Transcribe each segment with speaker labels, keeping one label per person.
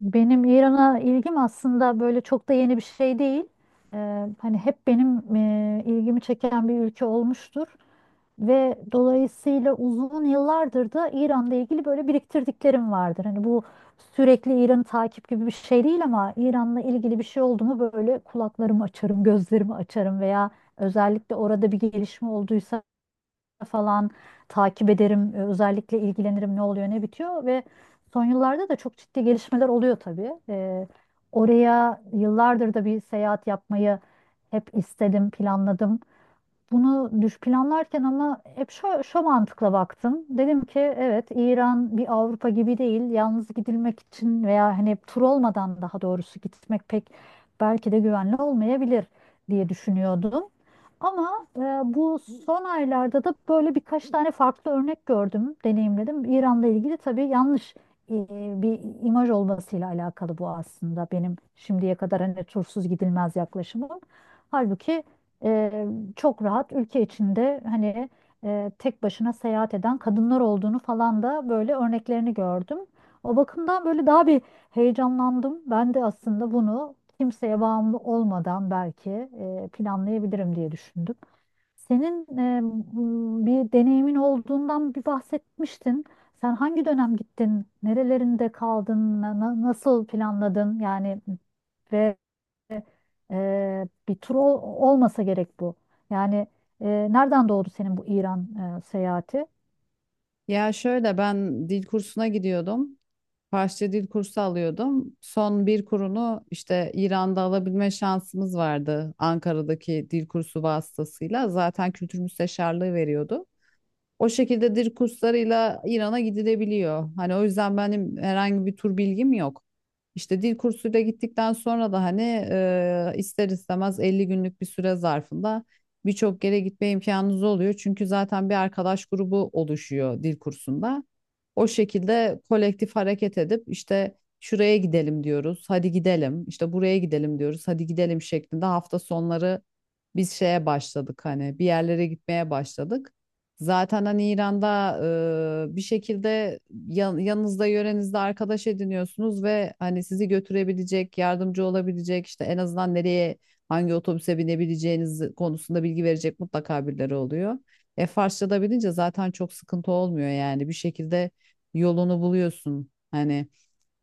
Speaker 1: Benim İran'a ilgim aslında böyle çok da yeni bir şey değil. Hani hep benim ilgimi çeken bir ülke olmuştur ve dolayısıyla uzun yıllardır da İran'la ilgili böyle biriktirdiklerim vardır. Hani bu sürekli İran'ı takip gibi bir şey değil ama İran'la ilgili bir şey oldu mu böyle kulaklarımı açarım, gözlerimi açarım veya özellikle orada bir gelişme olduysa falan takip ederim. Özellikle ilgilenirim ne oluyor ne bitiyor ve son yıllarda da çok ciddi gelişmeler oluyor tabii. Oraya yıllardır da bir seyahat yapmayı hep istedim, planladım. Bunu düş planlarken ama hep şu mantıkla baktım. Dedim ki evet, İran bir Avrupa gibi değil. Yalnız gidilmek için veya hani tur olmadan daha doğrusu gitmek pek belki de güvenli olmayabilir diye düşünüyordum. Ama bu son aylarda da böyle birkaç tane farklı örnek gördüm, deneyimledim. İran'la ilgili tabii yanlış e, bir imaj olmasıyla alakalı bu, aslında benim şimdiye kadar hani tursuz gidilmez yaklaşımım. Halbuki e, çok rahat ülke içinde hani tek başına seyahat eden kadınlar olduğunu falan da böyle örneklerini gördüm. O bakımdan böyle daha bir heyecanlandım. Ben de aslında bunu kimseye bağımlı olmadan belki planlayabilirim diye düşündüm. Senin bir deneyimin olduğundan bir bahsetmiştin. Sen hangi dönem gittin? Nerelerinde kaldın? Nasıl planladın? Yani ve bir tur olmasa gerek bu. Yani e, nereden doğdu senin bu İran seyahati?
Speaker 2: Ya şöyle ben dil kursuna gidiyordum. Farsça dil kursu alıyordum. Son bir kurunu işte İran'da alabilme şansımız vardı Ankara'daki dil kursu vasıtasıyla. Zaten kültür müsteşarlığı veriyordu. O şekilde dil kurslarıyla İran'a gidilebiliyor. Hani o yüzden benim herhangi bir tur bilgim yok. İşte dil kursuyla gittikten sonra da hani ister istemez 50 günlük bir süre zarfında birçok yere gitme imkanınız oluyor. Çünkü zaten bir arkadaş grubu oluşuyor dil kursunda. O şekilde kolektif hareket edip işte şuraya gidelim diyoruz, hadi gidelim. İşte buraya gidelim diyoruz, hadi gidelim şeklinde hafta sonları biz şeye başladık hani bir yerlere gitmeye başladık. Zaten hani İran'da bir şekilde yanınızda yörenizde arkadaş ediniyorsunuz ve hani sizi götürebilecek, yardımcı olabilecek işte en azından nereye hangi otobüse binebileceğiniz konusunda bilgi verecek mutlaka birileri oluyor. E Farsça da bilince zaten çok sıkıntı olmuyor yani bir şekilde yolunu buluyorsun hani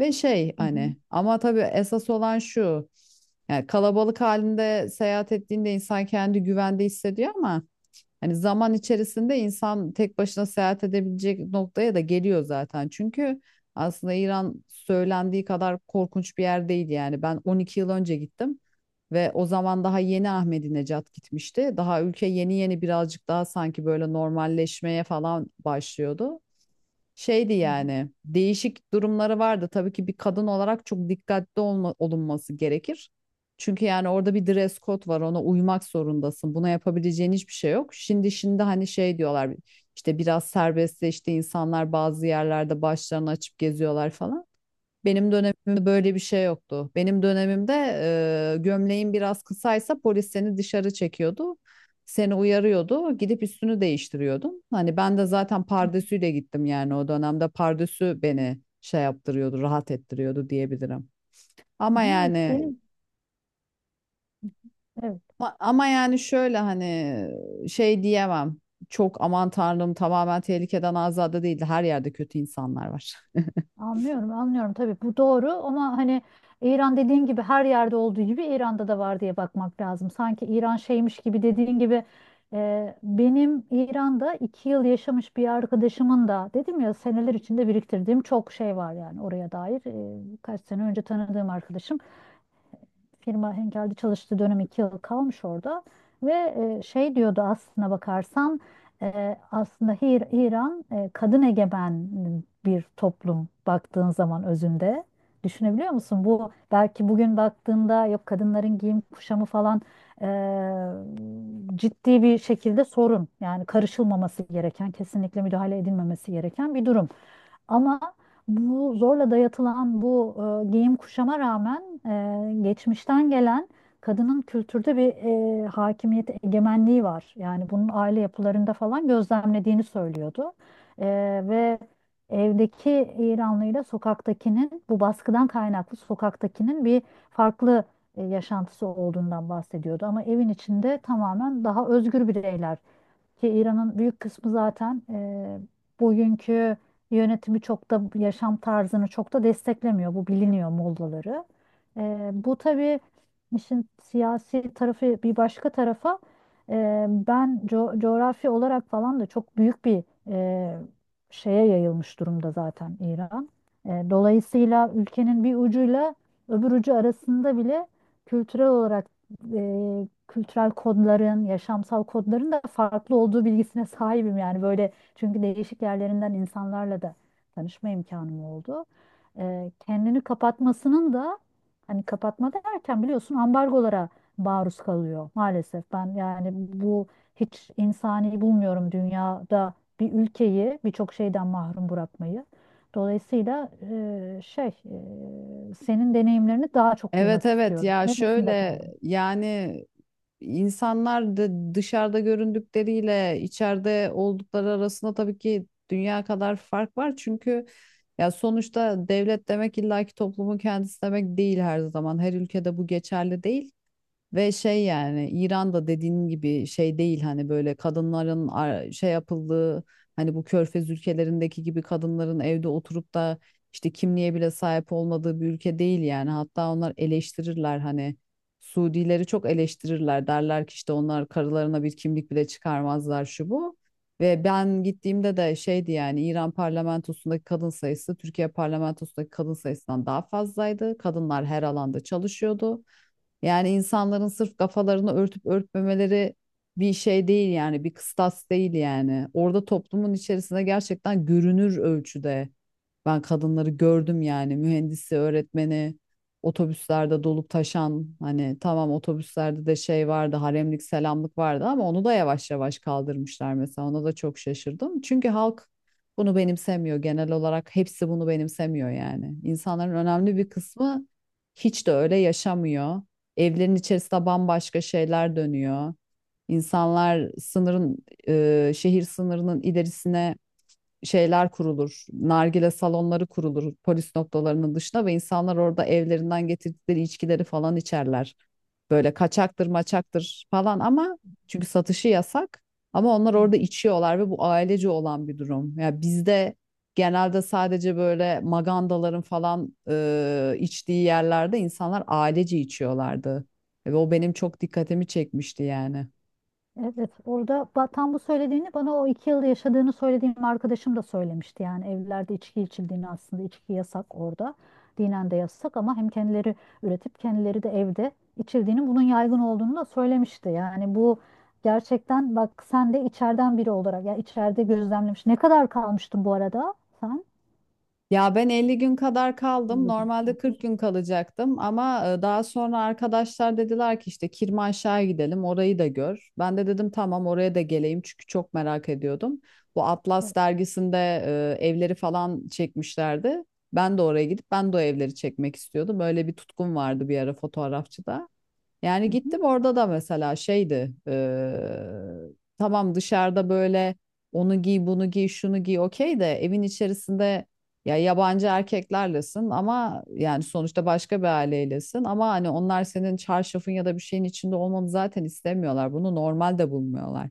Speaker 2: ve şey
Speaker 1: Hı hı,
Speaker 2: hani ama tabii esas olan şu yani kalabalık halinde seyahat ettiğinde insan kendi güvende hissediyor ama hani zaman içerisinde insan tek başına seyahat edebilecek noktaya da geliyor zaten. Çünkü aslında İran söylendiği kadar korkunç bir yer değil yani. Ben 12 yıl önce gittim ve o zaman daha yeni Ahmedi Necat gitmişti. Daha ülke yeni yeni birazcık daha sanki böyle normalleşmeye falan başlıyordu şeydi
Speaker 1: hı hı,
Speaker 2: yani değişik durumları vardı. Tabii ki bir kadın olarak çok dikkatli olma, olunması gerekir. Çünkü yani orada bir dress code var ona uymak zorundasın. Buna yapabileceğin hiçbir şey yok. Şimdi şimdi hani şey diyorlar işte biraz serbestleşti insanlar bazı yerlerde başlarını açıp geziyorlar falan. Benim dönemimde böyle bir şey yoktu. Benim dönemimde gömleğin biraz kısaysa polis seni dışarı çekiyordu. Seni uyarıyordu. Gidip üstünü değiştiriyordun. Hani ben de zaten
Speaker 1: hı
Speaker 2: pardesüyle gittim yani o dönemde pardesü beni şey yaptırıyordu, rahat ettiriyordu diyebilirim.
Speaker 1: hı,
Speaker 2: Ama
Speaker 1: hı hı.
Speaker 2: yani
Speaker 1: Benim, evet.
Speaker 2: ama yani şöyle hani şey diyemem. Çok aman tanrım tamamen tehlikeden azade değildi. Her yerde kötü insanlar var.
Speaker 1: Anlıyorum, anlıyorum, tabii bu doğru ama hani İran dediğin gibi her yerde olduğu gibi İran'da da var diye bakmak lazım. Sanki İran şeymiş gibi dediğin gibi benim İran'da 2 yıl yaşamış bir arkadaşımın da, dedim ya seneler içinde biriktirdiğim çok şey var yani oraya dair. E, kaç sene önce tanıdığım arkadaşım firma Henkel'de çalıştığı dönem 2 yıl kalmış orada ve şey diyordu, aslına bakarsan aslında İran kadın egemen bir toplum baktığın zaman özünde. Düşünebiliyor musun? Bu belki bugün baktığında yok, kadınların giyim kuşamı falan e, ciddi bir şekilde sorun. Yani karışılmaması gereken, kesinlikle müdahale edilmemesi gereken bir durum. Ama bu zorla dayatılan bu giyim kuşama rağmen geçmişten gelen kadının kültürde bir hakimiyet egemenliği var. Yani bunun aile yapılarında falan gözlemlediğini söylüyordu. E, ve evdeki İranlıyla sokaktakinin, bu baskıdan kaynaklı sokaktakinin bir farklı yaşantısı olduğundan bahsediyordu. Ama evin içinde tamamen daha özgür bireyler, ki İran'ın büyük kısmı zaten bugünkü yönetimi, çok da yaşam tarzını çok da desteklemiyor. Bu biliniyor, Mollaları. Bu tabii işin siyasi tarafı bir başka tarafa, ben coğrafi olarak falan da çok büyük bir şeye yayılmış durumda zaten İran. Dolayısıyla ülkenin bir ucuyla öbür ucu arasında bile kültürel olarak kültürel kodların, yaşamsal kodların da farklı olduğu bilgisine sahibim, yani böyle, çünkü değişik yerlerinden insanlarla da tanışma imkanım oldu. Kendini kapatmasının da, hani kapatma derken biliyorsun, ambargolara maruz kalıyor maalesef. Ben yani bu hiç insani bulmuyorum, dünyada bir ülkeyi birçok şeyden mahrum bırakmayı. Dolayısıyla şey, senin deneyimlerini daha çok
Speaker 2: Evet
Speaker 1: duymak
Speaker 2: evet
Speaker 1: istiyorum.
Speaker 2: ya
Speaker 1: Neresinde
Speaker 2: şöyle
Speaker 1: kaldın?
Speaker 2: yani insanlar da dışarıda göründükleriyle içeride oldukları arasında tabii ki dünya kadar fark var. Çünkü ya sonuçta devlet demek illaki toplumun kendisi demek değil her zaman. Her ülkede bu geçerli değil. Ve şey yani İran'da dediğin gibi şey değil hani böyle kadınların şey yapıldığı hani bu Körfez ülkelerindeki gibi kadınların evde oturup da işte kimliğe bile sahip olmadığı bir ülke değil yani. Hatta onlar eleştirirler hani Suudileri çok eleştirirler derler ki işte onlar karılarına bir kimlik bile çıkarmazlar şu bu. Ve ben gittiğimde de şeydi yani İran parlamentosundaki kadın sayısı Türkiye parlamentosundaki kadın sayısından daha fazlaydı. Kadınlar her alanda çalışıyordu. Yani insanların sırf kafalarını örtüp örtmemeleri bir şey değil yani bir kıstas değil yani. Orada toplumun içerisinde gerçekten görünür ölçüde ben kadınları gördüm yani mühendisi, öğretmeni, otobüslerde dolup taşan hani tamam otobüslerde de şey vardı haremlik selamlık vardı ama onu da yavaş yavaş kaldırmışlar mesela ona da çok şaşırdım. Çünkü halk bunu benimsemiyor genel olarak hepsi bunu benimsemiyor yani. İnsanların önemli bir kısmı hiç de öyle yaşamıyor. Evlerin içerisinde bambaşka şeyler dönüyor. İnsanlar sınırın şehir sınırının ilerisine şeyler kurulur. Nargile salonları kurulur polis noktalarının dışına ve insanlar orada evlerinden getirdikleri içkileri falan içerler. Böyle kaçaktır maçaktır falan ama çünkü satışı yasak ama onlar
Speaker 1: Hı.
Speaker 2: orada içiyorlar ve bu ailece olan bir durum. Ya bizde genelde sadece böyle magandaların falan içtiği yerlerde insanlar ailece içiyorlardı. Ve o benim çok dikkatimi çekmişti yani.
Speaker 1: Evet, orada tam bu söylediğini bana, o iki yıl yaşadığını söylediğim arkadaşım da söylemişti. Yani evlerde içki içildiğini, aslında içki yasak orada. Dinen de yasak ama hem kendileri üretip kendileri de evde içildiğini, bunun yaygın olduğunu da söylemişti. Yani bu gerçekten, bak sen de içeriden biri olarak, ya içeride gözlemlemiş. Ne kadar kalmıştın bu arada sen?
Speaker 2: Ya ben 50 gün kadar kaldım.
Speaker 1: Öyle ha,
Speaker 2: Normalde 40 gün kalacaktım ama daha sonra arkadaşlar dediler ki işte Kirmanşah'a gidelim, orayı da gör. Ben de dedim tamam oraya da geleyim çünkü çok merak ediyordum. Bu Atlas
Speaker 1: evet,
Speaker 2: dergisinde evleri falan çekmişlerdi. Ben de oraya gidip ben de o evleri çekmek istiyordum. Böyle bir tutkum vardı bir ara fotoğrafçıda. Yani
Speaker 1: hı hı.
Speaker 2: gittim orada da mesela şeydi tamam dışarıda böyle onu giy bunu giy şunu giy okey de evin içerisinde ya yabancı erkeklerlesin ama yani sonuçta başka bir aileylesin ama hani onlar senin çarşafın ya da bir şeyin içinde olmanı zaten istemiyorlar bunu normal de bulmuyorlar.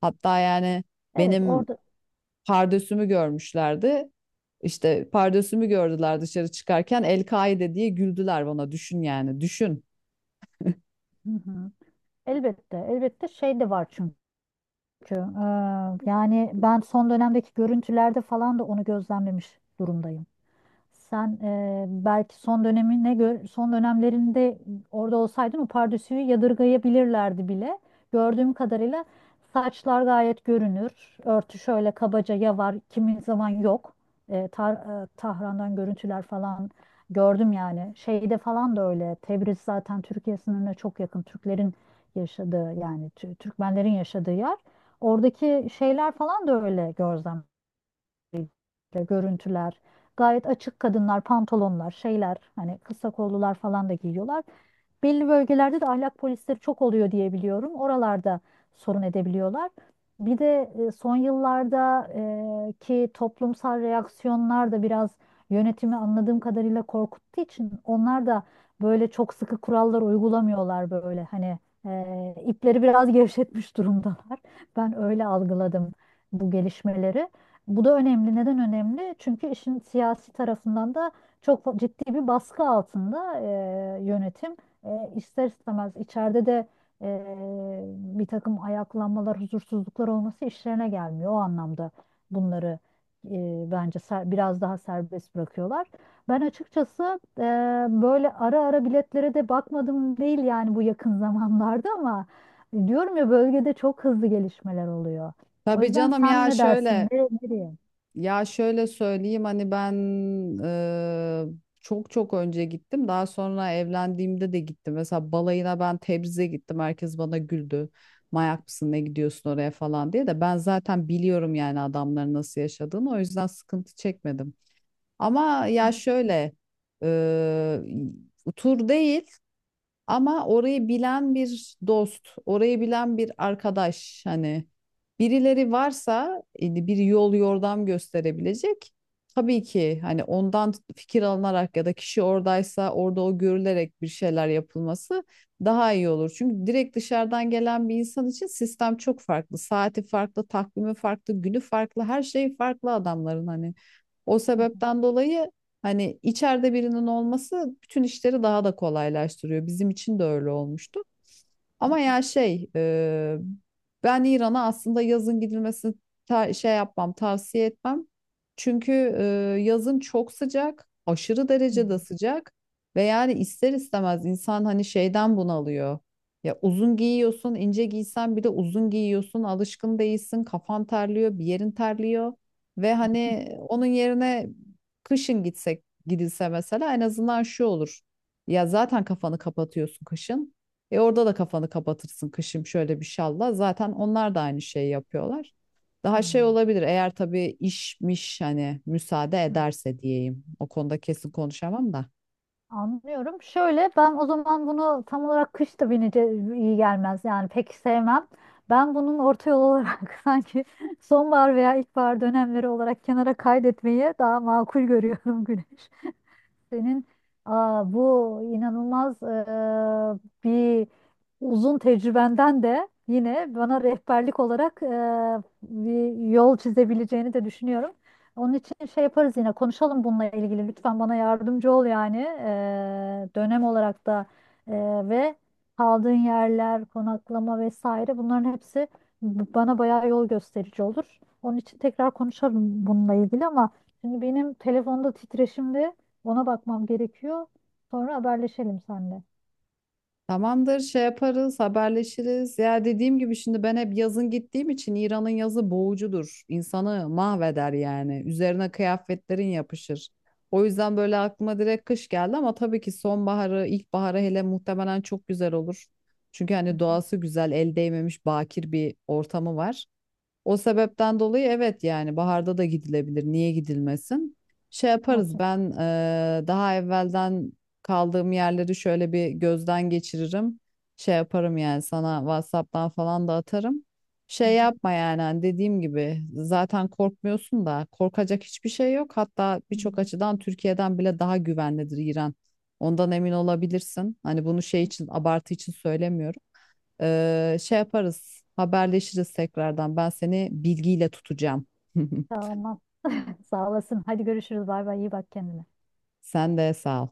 Speaker 2: Hatta yani
Speaker 1: Evet,
Speaker 2: benim
Speaker 1: orada,
Speaker 2: pardösümü görmüşlerdi. İşte pardösümü gördüler dışarı çıkarken El-Kaide diye güldüler bana düşün yani düşün.
Speaker 1: hı hı. Elbette, elbette, şey de var çünkü. Çünkü yani ben son dönemdeki görüntülerde falan da onu gözlemlemiş durumdayım. Sen belki son dönemine göre son dönemlerinde orada olsaydın, o pardösüyü yadırgayabilirlerdi bile. Gördüğüm kadarıyla saçlar gayet görünür. Örtü şöyle kabaca ya var, kimi zaman yok. Tahran'dan görüntüler falan gördüm yani. Şeyde falan da öyle. Tebriz zaten Türkiye sınırına çok yakın. Türklerin yaşadığı, yani Türkmenlerin yaşadığı yer. Oradaki şeyler falan da öyle görüntüler. Gayet açık kadınlar, pantolonlar, şeyler, hani kısa kollular falan da giyiyorlar. Belli bölgelerde de ahlak polisleri çok oluyor diye biliyorum. Oralarda sorun edebiliyorlar. Bir de son yıllarda ki toplumsal reaksiyonlar da biraz yönetimi anladığım kadarıyla korkuttuğu için, onlar da böyle çok sıkı kurallar uygulamıyorlar, böyle hani ipleri biraz gevşetmiş durumdalar. Ben öyle algıladım bu gelişmeleri. Bu da önemli. Neden önemli? Çünkü işin siyasi tarafından da çok ciddi bir baskı altında yönetim. E, ister istemez içeride de e, bir takım ayaklanmalar, huzursuzluklar olması işlerine gelmiyor. O anlamda bunları bence biraz daha serbest bırakıyorlar. Ben açıkçası böyle ara ara biletlere de bakmadım değil yani, bu yakın zamanlarda, ama diyorum ya, bölgede çok hızlı gelişmeler oluyor. O
Speaker 2: Tabii
Speaker 1: yüzden
Speaker 2: canım
Speaker 1: sen
Speaker 2: ya
Speaker 1: ne dersin?
Speaker 2: şöyle
Speaker 1: Ne, nereye?
Speaker 2: ya şöyle söyleyeyim hani ben eee, çok çok önce gittim. Daha sonra evlendiğimde de gittim. Mesela balayına ben Tebriz'e gittim. Herkes bana güldü. Mayak mısın ne gidiyorsun oraya falan diye de ben zaten biliyorum yani adamların nasıl yaşadığını. O yüzden sıkıntı çekmedim. Ama ya şöyle eee tur değil. Ama orayı bilen bir dost, orayı bilen bir arkadaş hani birileri varsa bir yol yordam gösterebilecek. Tabii ki hani ondan fikir alınarak ya da kişi oradaysa orada o görülerek bir şeyler yapılması daha iyi olur. Çünkü direkt dışarıdan gelen bir insan için sistem çok farklı. Saati farklı, takvimi farklı, günü farklı, her şey farklı adamların hani. O sebepten dolayı hani içeride birinin olması bütün işleri daha da kolaylaştırıyor. Bizim için de öyle olmuştu. Ama ya şey ben İran'a aslında yazın gidilmesini şey yapmam tavsiye etmem. Çünkü e, yazın çok sıcak aşırı derecede sıcak ve yani ister istemez insan hani şeyden bunalıyor. Ya uzun giyiyorsun ince giysen bile uzun giyiyorsun alışkın değilsin kafan terliyor bir yerin terliyor. Ve hani onun yerine kışın gitsek gidilse mesela en azından şu olur. Ya zaten kafanı kapatıyorsun kışın. E orada da kafanı kapatırsın kışım şöyle bir şalla. Zaten onlar da aynı şeyi yapıyorlar.
Speaker 1: Hmm,
Speaker 2: Daha şey
Speaker 1: hmm,
Speaker 2: olabilir eğer tabii işmiş hani müsaade
Speaker 1: hmm.
Speaker 2: ederse diyeyim. O konuda kesin konuşamam da.
Speaker 1: Anlıyorum. Şöyle, ben o zaman bunu tam olarak kış da binece iyi gelmez. Yani pek sevmem. Ben bunun orta yol olarak sanki sonbahar veya ilkbahar dönemleri olarak kenara kaydetmeyi daha makul görüyorum, Güneş. Senin bu inanılmaz bir uzun tecrübenden de yine bana rehberlik olarak bir yol çizebileceğini de düşünüyorum. Onun için şey yaparız, yine konuşalım bununla ilgili. Lütfen bana yardımcı ol yani. Dönem olarak da ve kaldığın yerler, konaklama vesaire, bunların hepsi bana bayağı yol gösterici olur. Onun için tekrar konuşalım bununla ilgili, ama şimdi benim telefonda titreşimde, ona bakmam gerekiyor. Sonra haberleşelim seninle.
Speaker 2: Tamamdır, şey yaparız, haberleşiriz. Ya dediğim gibi şimdi ben hep yazın gittiğim için İran'ın yazı boğucudur. İnsanı mahveder yani. Üzerine kıyafetlerin yapışır. O yüzden böyle aklıma direkt kış geldi ama tabii ki sonbaharı, ilkbaharı hele muhtemelen çok güzel olur. Çünkü
Speaker 1: Hı
Speaker 2: hani
Speaker 1: hı.
Speaker 2: doğası güzel, el değmemiş bakir bir ortamı var. O sebepten dolayı evet yani baharda da gidilebilir. Niye gidilmesin? Şey yaparız
Speaker 1: Okey.
Speaker 2: ben daha evvelden kaldığım yerleri şöyle bir gözden geçiririm. Şey yaparım yani sana WhatsApp'tan falan da atarım.
Speaker 1: Hı
Speaker 2: Şey
Speaker 1: hı.
Speaker 2: yapma yani hani dediğim gibi zaten korkmuyorsun da korkacak hiçbir şey yok. Hatta
Speaker 1: Hı hı.
Speaker 2: birçok açıdan Türkiye'den bile daha güvenlidir İran. Ondan emin olabilirsin. Hani bunu şey için abartı için söylemiyorum. Şey yaparız, haberleşiriz tekrardan. Ben seni bilgiyle tutacağım.
Speaker 1: Tamam. Sağ olasın. Hadi görüşürüz. Bay bay. İyi bak kendine.
Speaker 2: Sen de sağ ol.